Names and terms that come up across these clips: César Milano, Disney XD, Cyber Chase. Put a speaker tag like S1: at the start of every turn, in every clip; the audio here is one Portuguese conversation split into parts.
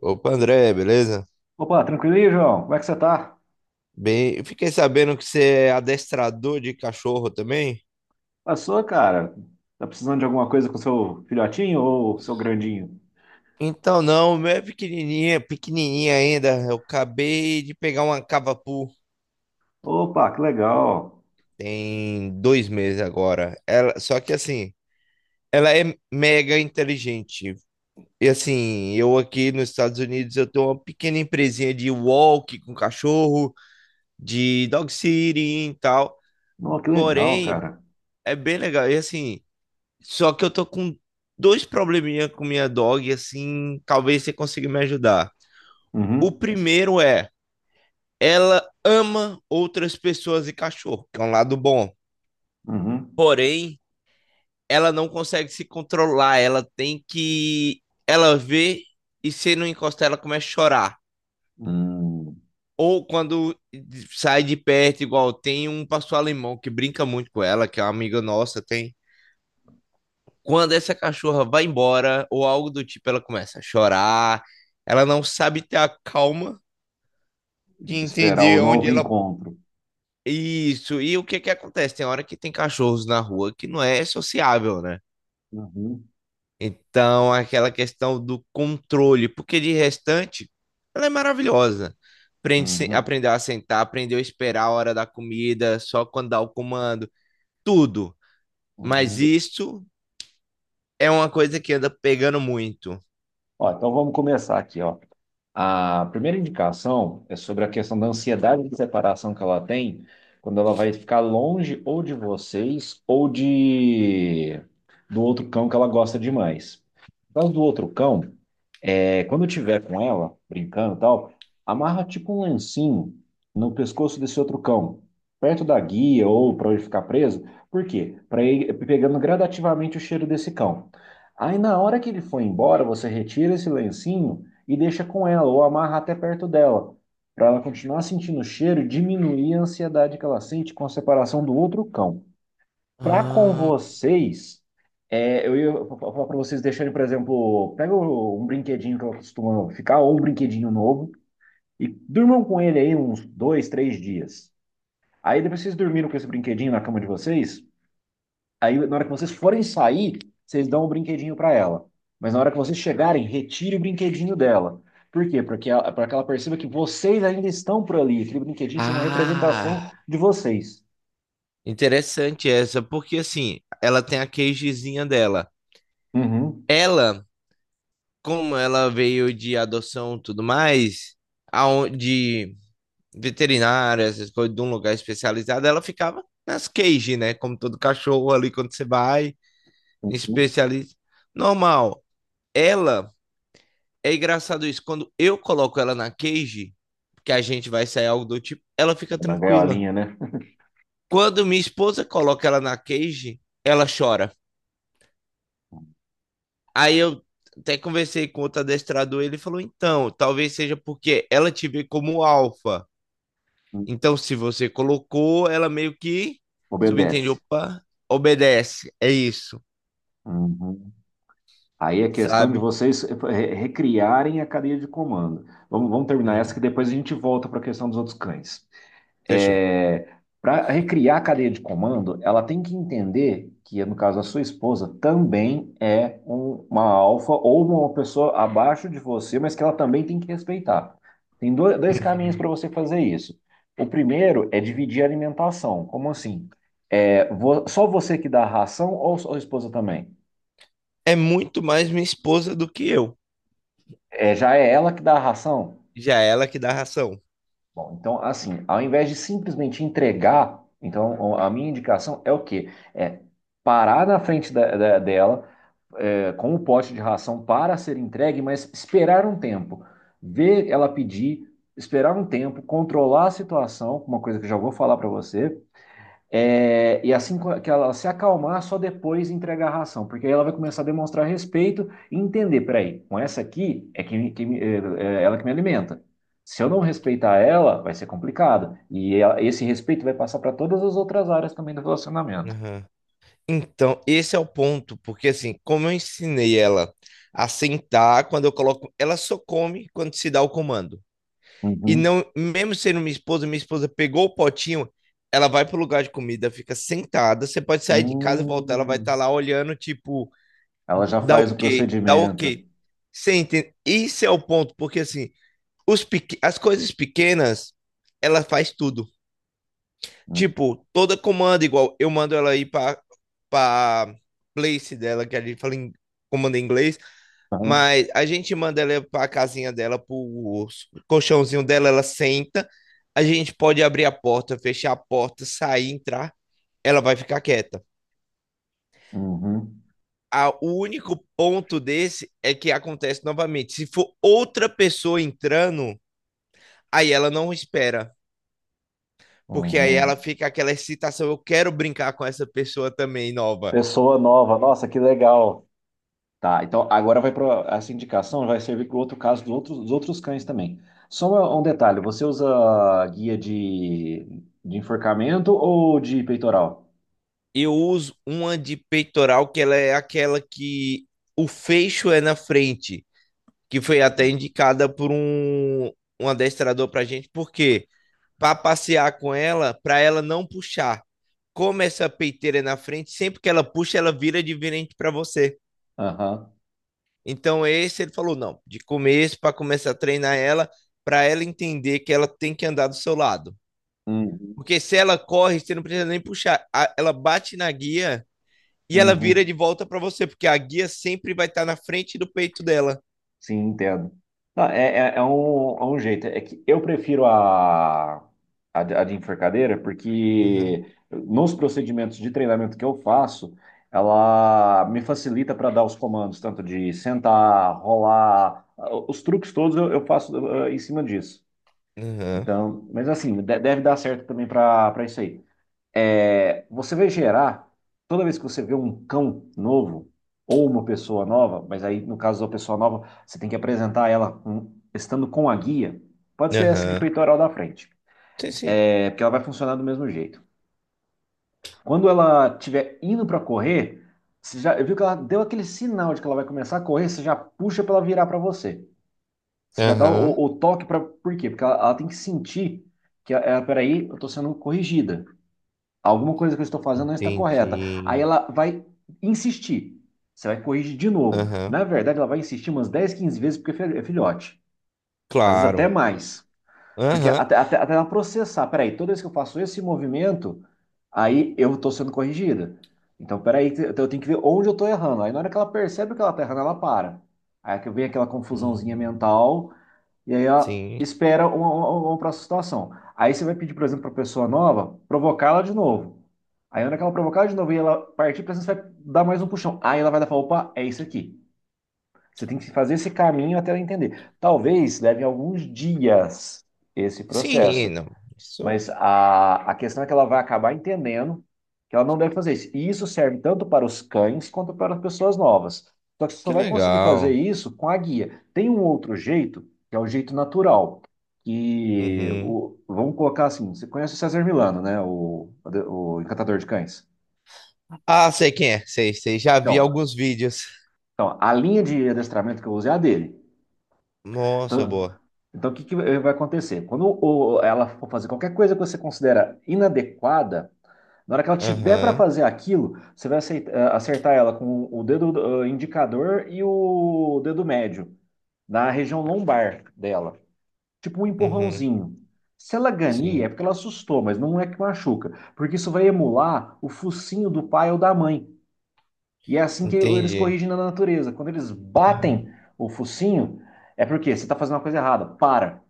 S1: Opa, André, beleza?
S2: Opa, tranquilo aí, João? Como é que você tá?
S1: Bem, eu fiquei sabendo que você é adestrador de cachorro também.
S2: Passou, cara? Tá precisando de alguma coisa com seu filhotinho ou seu grandinho?
S1: Então, não, meu é pequenininha, pequenininha ainda. Eu acabei de pegar uma cavapu,
S2: Opa, que legal!
S1: tem 2 meses agora. Ela, só que assim, ela é mega inteligente. E assim, eu aqui nos Estados Unidos, eu tenho uma pequena empresinha de walk com cachorro, de dog sitting e tal.
S2: Não, que legal,
S1: Porém,
S2: cara.
S1: é bem legal. E assim, só que eu tô com dois probleminha com minha dog, assim, talvez você consiga me ajudar. O
S2: Uhum,
S1: primeiro é, ela ama outras pessoas e cachorro, que é um lado bom.
S2: uhum.
S1: Porém, ela não consegue se controlar, ela tem que ela vê e se não encostar ela começa a chorar.
S2: Hum,
S1: Ou quando sai de perto, igual tem um pastor alemão que brinca muito com ela, que é uma amiga nossa. Tem Quando essa cachorra vai embora, ou algo do tipo, ela começa a chorar, ela não sabe ter a calma de
S2: Esperar
S1: entender
S2: o novo
S1: onde ela.
S2: encontro.
S1: Isso, e o que que acontece? Tem hora que tem cachorros na rua que não é sociável, né?
S2: Uhum,
S1: Então, aquela questão do controle, porque de restante, ela é maravilhosa. Aprende,
S2: uhum,
S1: aprendeu a sentar, aprendeu a esperar a hora da comida, só quando dá o comando, tudo. Mas
S2: uhum.
S1: isso é uma coisa que anda pegando muito.
S2: Ó, então vamos começar aqui, ó. A primeira indicação é sobre a questão da ansiedade de separação que ela tem quando ela vai ficar longe ou de vocês ou de do outro cão que ela gosta demais. Por causa do outro cão, quando eu tiver com ela, brincando e tal, amarra tipo um lencinho no pescoço desse outro cão, perto da guia ou para ele ficar preso. Por quê? Para ir pegando gradativamente o cheiro desse cão. Aí na hora que ele for embora, você retira esse lencinho e deixa com ela, ou amarra até perto dela, para ela continuar sentindo o cheiro e diminuir a ansiedade que ela sente com a separação do outro cão para com
S1: Ah,
S2: vocês. Eu ia falar para vocês deixarem, por exemplo, pega um brinquedinho que eu costumo ficar, ou um brinquedinho novo, e durmam com ele aí uns 2, 3 dias. Aí depois vocês dormiram com esse brinquedinho na cama de vocês, aí na hora que vocês forem sair, vocês dão o brinquedinho para ela. Mas na hora que vocês chegarem, retire o brinquedinho dela. Por quê? Porque ela, para que ela perceba que vocês ainda estão por ali. Aquele brinquedinho é uma representação
S1: Ah,
S2: de vocês.
S1: interessante essa, porque assim, ela tem a queijezinha dela.
S2: Uhum.
S1: Ela, como ela veio de adoção e tudo mais, de veterinária, essas coisas, de um lugar especializado, ela ficava nas queijes, né? Como todo cachorro ali, quando você vai,
S2: Uhum.
S1: especialista. Normal. Ela, é engraçado isso, quando eu coloco ela na cage, que a gente vai sair algo do tipo, ela fica
S2: É, na
S1: tranquila.
S2: gaiolinha, né?
S1: Quando minha esposa coloca ela na cage, ela chora. Aí eu até conversei com outro adestrador, ele falou: então, talvez seja porque ela te vê como alfa. Então, se você colocou, ela meio que subentende,
S2: Obedece.
S1: opa, obedece. É isso,
S2: Uhum. Aí é questão de
S1: sabe?
S2: vocês recriarem a cadeia de comando. Vamos terminar essa que
S1: Uhum.
S2: depois a gente volta para a questão dos outros cães.
S1: Fechou.
S2: É, para recriar a cadeia de comando, ela tem que entender que, no caso, a sua esposa também é uma alfa ou uma pessoa abaixo de você, mas que ela também tem que respeitar. Tem dois caminhos
S1: Uhum.
S2: para você fazer isso. O primeiro é dividir a alimentação. Como assim? Só você que dá a ração ou sua esposa também?
S1: É muito mais minha esposa do que eu.
S2: Já é ela que dá a ração.
S1: Já é ela que dá ração.
S2: Bom, então, assim, ao invés de simplesmente entregar, então a minha indicação é o quê? É parar na frente dela, com o pote de ração para ser entregue, mas esperar um tempo, ver ela pedir, esperar um tempo, controlar a situação, uma coisa que eu já vou falar para você, e assim que ela se acalmar, só depois entregar a ração, porque aí ela vai começar a demonstrar respeito e entender, peraí, com essa aqui é que é ela que me alimenta. Se eu não respeitar ela, vai ser complicado. E esse respeito vai passar para todas as outras áreas também do relacionamento.
S1: Aham. Então, esse é o ponto, porque assim, como eu ensinei ela a sentar, quando eu coloco, ela só come quando se dá o comando. E
S2: Uhum.
S1: não, mesmo sendo minha esposa pegou o potinho, ela vai pro lugar de comida, fica sentada. Você pode sair de casa e voltar, ela vai estar
S2: Hum.
S1: lá olhando, tipo,
S2: Ela já
S1: dá
S2: faz o
S1: ok, dá
S2: procedimento.
S1: ok. Você entende? Isso é o ponto, porque assim, as coisas pequenas, ela faz tudo.
S2: Uhum.
S1: Tipo, toda comanda igual, eu mando ela ir pra place dela, que a gente fala em comando em inglês, mas a gente manda ela pra casinha dela, pro colchãozinho dela, ela senta. A gente pode abrir a porta, fechar a porta, sair, entrar. Ela vai ficar quieta.
S2: Uhum.
S1: O único ponto desse é que acontece novamente. Se for outra pessoa entrando, aí ela não espera. Porque aí ela
S2: Uhum.
S1: fica aquela excitação. Eu quero brincar com essa pessoa também nova.
S2: Pessoa nova, nossa, que legal. Tá, então agora vai para essa indicação, vai servir para o outro caso dos outros cães também. Só um detalhe, você usa guia de enforcamento ou de peitoral?
S1: Eu uso uma de peitoral que ela é aquela que o fecho é na frente, que foi até indicada por um adestrador pra gente, porque para passear com ela, para ela não puxar. Como essa peiteira é na frente, sempre que ela puxa, ela vira de virente para você.
S2: Aham.
S1: Então esse ele falou não, de começo para começar a treinar ela, para ela entender que ela tem que andar do seu lado.
S2: Uhum.
S1: Porque se ela corre, você não precisa nem puxar, ela bate na guia e ela vira
S2: Uhum.
S1: de volta para você, porque a guia sempre vai estar na frente do peito dela.
S2: Sim, entendo. Não, é um jeito. É que eu prefiro a de enforcadeira,
S1: Aham,
S2: porque nos procedimentos de treinamento que eu faço, ela me facilita para dar os comandos, tanto de sentar, rolar, os truques todos eu faço, em cima disso.
S1: aham,
S2: Então, mas assim, deve dar certo também para isso aí. É, você vai gerar, toda vez que você vê um cão novo ou uma pessoa nova, mas aí no caso da pessoa nova, você tem que apresentar ela estando com a guia. Pode ser essa de
S1: aham.
S2: peitoral da frente,
S1: Sim, sim.
S2: porque ela vai funcionar do mesmo jeito. Quando ela estiver indo para correr, você já viu que ela deu aquele sinal de que ela vai começar a correr, você já puxa para ela virar para você. Você já dá
S1: Aham,
S2: o toque para. Por quê? Porque ela tem que sentir que, ah, peraí, eu estou sendo corrigida. Alguma coisa que eu estou fazendo não está correta. Aí
S1: entendi.
S2: ela vai insistir. Você vai corrigir de novo.
S1: Aham,
S2: Na verdade, ela vai insistir umas 10, 15 vezes porque é filhote. Às vezes até
S1: claro.
S2: mais. Porque
S1: Aham.
S2: até ela processar. Peraí, toda vez que eu faço esse movimento, aí eu estou sendo corrigida. Então, peraí, eu tenho que ver onde eu estou errando. Aí na hora que ela percebe que ela está errando, ela para. Aí é que vem aquela confusãozinha
S1: Hum,
S2: mental e aí ela
S1: sim.
S2: espera uma próxima situação. Aí você vai pedir, por exemplo, para a pessoa nova provocá-la de novo. Aí, na hora que ela provocar de novo e ela partir para você, vai dar mais um puxão. Aí ela vai dar e falar: opa, é isso aqui. Você tem que fazer esse caminho até ela entender. Talvez leve alguns dias esse
S1: Sim,
S2: processo,
S1: não. Isso,
S2: mas a questão é que ela vai acabar entendendo que ela não deve fazer isso. E isso serve tanto para os cães quanto para as pessoas novas. Só que você só
S1: que
S2: vai conseguir fazer
S1: legal.
S2: isso com a guia. Tem um outro jeito, que é o jeito natural. E
S1: Uhum.
S2: vamos colocar assim: você conhece o César Milano, né? O encantador de cães.
S1: Ah, sei quem é. Sei, sei. Já vi
S2: Então,
S1: alguns vídeos.
S2: então, a linha de adestramento que eu usei é a dele.
S1: Nossa,
S2: Então,
S1: boa.
S2: então, o que que vai acontecer? Quando ela for fazer qualquer coisa que você considera inadequada, na hora que ela tiver para
S1: Aham,
S2: fazer aquilo, você vai acertar ela com o dedo, indicador e o dedo médio, na região lombar dela. Tipo um
S1: uhum.
S2: empurrãozinho. Se ela ganhar,
S1: Sim,
S2: é porque ela assustou, mas não é que machuca. Porque isso vai emular o focinho do pai ou da mãe. E é assim que eles
S1: entendi.
S2: corrigem na natureza. Quando eles
S1: Ah,
S2: batem o focinho, é porque você está fazendo uma coisa errada. Para.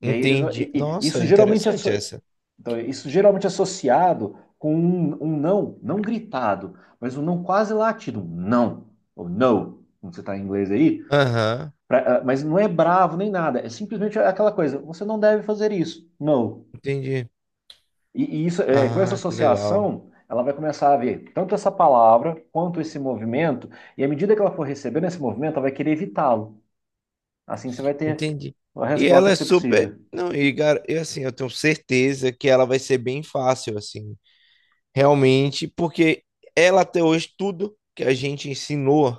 S2: E aí eles vão-
S1: entendi.
S2: e- e
S1: Nossa,
S2: isso geralmente
S1: interessante essa.
S2: isso geralmente associado com um não, não gritado, mas um não quase latido, um não, ou no, como você está em inglês aí,
S1: Aham,
S2: mas não é bravo nem nada, é simplesmente aquela coisa, você não deve fazer isso, não.
S1: entendi.
S2: E isso, com essa
S1: Ah, que legal.
S2: associação, ela vai começar a ver tanto essa palavra quanto esse movimento, e à medida que ela for recebendo esse movimento, ela vai querer evitá-lo. Assim você vai ter
S1: Entendi.
S2: a
S1: E
S2: resposta
S1: ela
S2: que
S1: é
S2: você
S1: super.
S2: precisa.
S1: Não, e assim, eu tenho certeza que ela vai ser bem fácil, assim. Realmente, porque ela até hoje, tudo que a gente ensinou,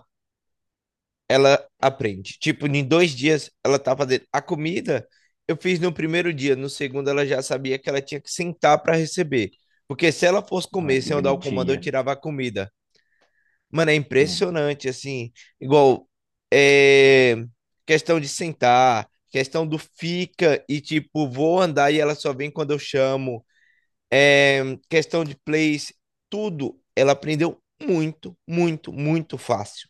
S1: ela aprende. Tipo, em 2 dias ela tá fazendo. A comida eu fiz no primeiro dia, no segundo ela já sabia que ela tinha que sentar para receber. Porque se ela fosse
S2: Ai,
S1: comer
S2: que
S1: sem eu dar o comando, eu
S2: bonitinha.
S1: tirava a comida. Mano, é
S2: Hum.
S1: impressionante, assim. Igual, é, questão de sentar, questão do fica e tipo, vou andar e ela só vem quando eu chamo, é, questão de plays, tudo, ela aprendeu muito, muito, muito fácil.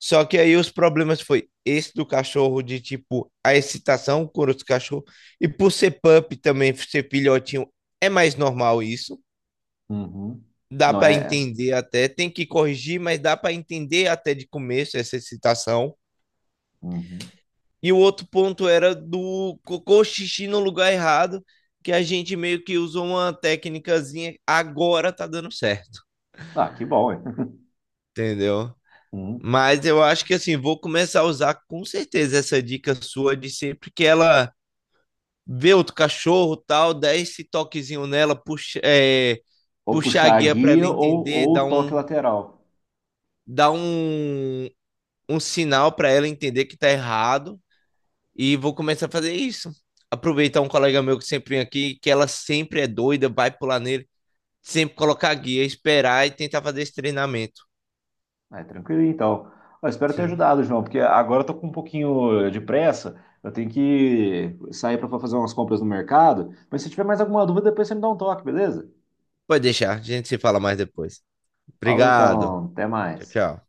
S1: Só que aí os problemas foi esse do cachorro, de tipo, a excitação com os cachorros, e por ser pup também, ser filhotinho, é mais normal isso.
S2: Uhum.
S1: Dá
S2: Não
S1: para
S2: é? É.
S1: entender até, tem que corrigir, mas dá para entender até de começo essa excitação.
S2: Uhum.
S1: E o outro ponto era do cocô xixi no lugar errado, que a gente meio que usou uma técnicazinha, agora tá dando certo.
S2: Ah, que bom, hein?
S1: Entendeu?
S2: Uhum.
S1: Mas eu acho que assim, vou começar a usar com certeza essa dica sua de sempre que ela vê outro cachorro, tal, dá esse toquezinho nela, puxa, é,
S2: Ou
S1: puxar a
S2: puxar a
S1: guia para ela
S2: guia ou,
S1: entender,
S2: ou o toque lateral.
S1: dá um, um sinal para ela entender que tá errado, e vou começar a fazer isso. Aproveitar um colega meu que sempre vem aqui, que ela sempre é doida, vai pular nele, sempre colocar a guia, esperar e tentar fazer esse treinamento.
S2: É, tranquilo, então. Ó, espero ter
S1: Sim.
S2: ajudado, João, porque agora eu tô com um pouquinho de pressa. Eu tenho que sair para fazer umas compras no mercado. Mas se tiver mais alguma dúvida, depois você me dá um toque, beleza?
S1: Pode deixar, a gente se fala mais depois.
S2: Falou
S1: Obrigado.
S2: então, até
S1: Tchau,
S2: mais.
S1: tchau.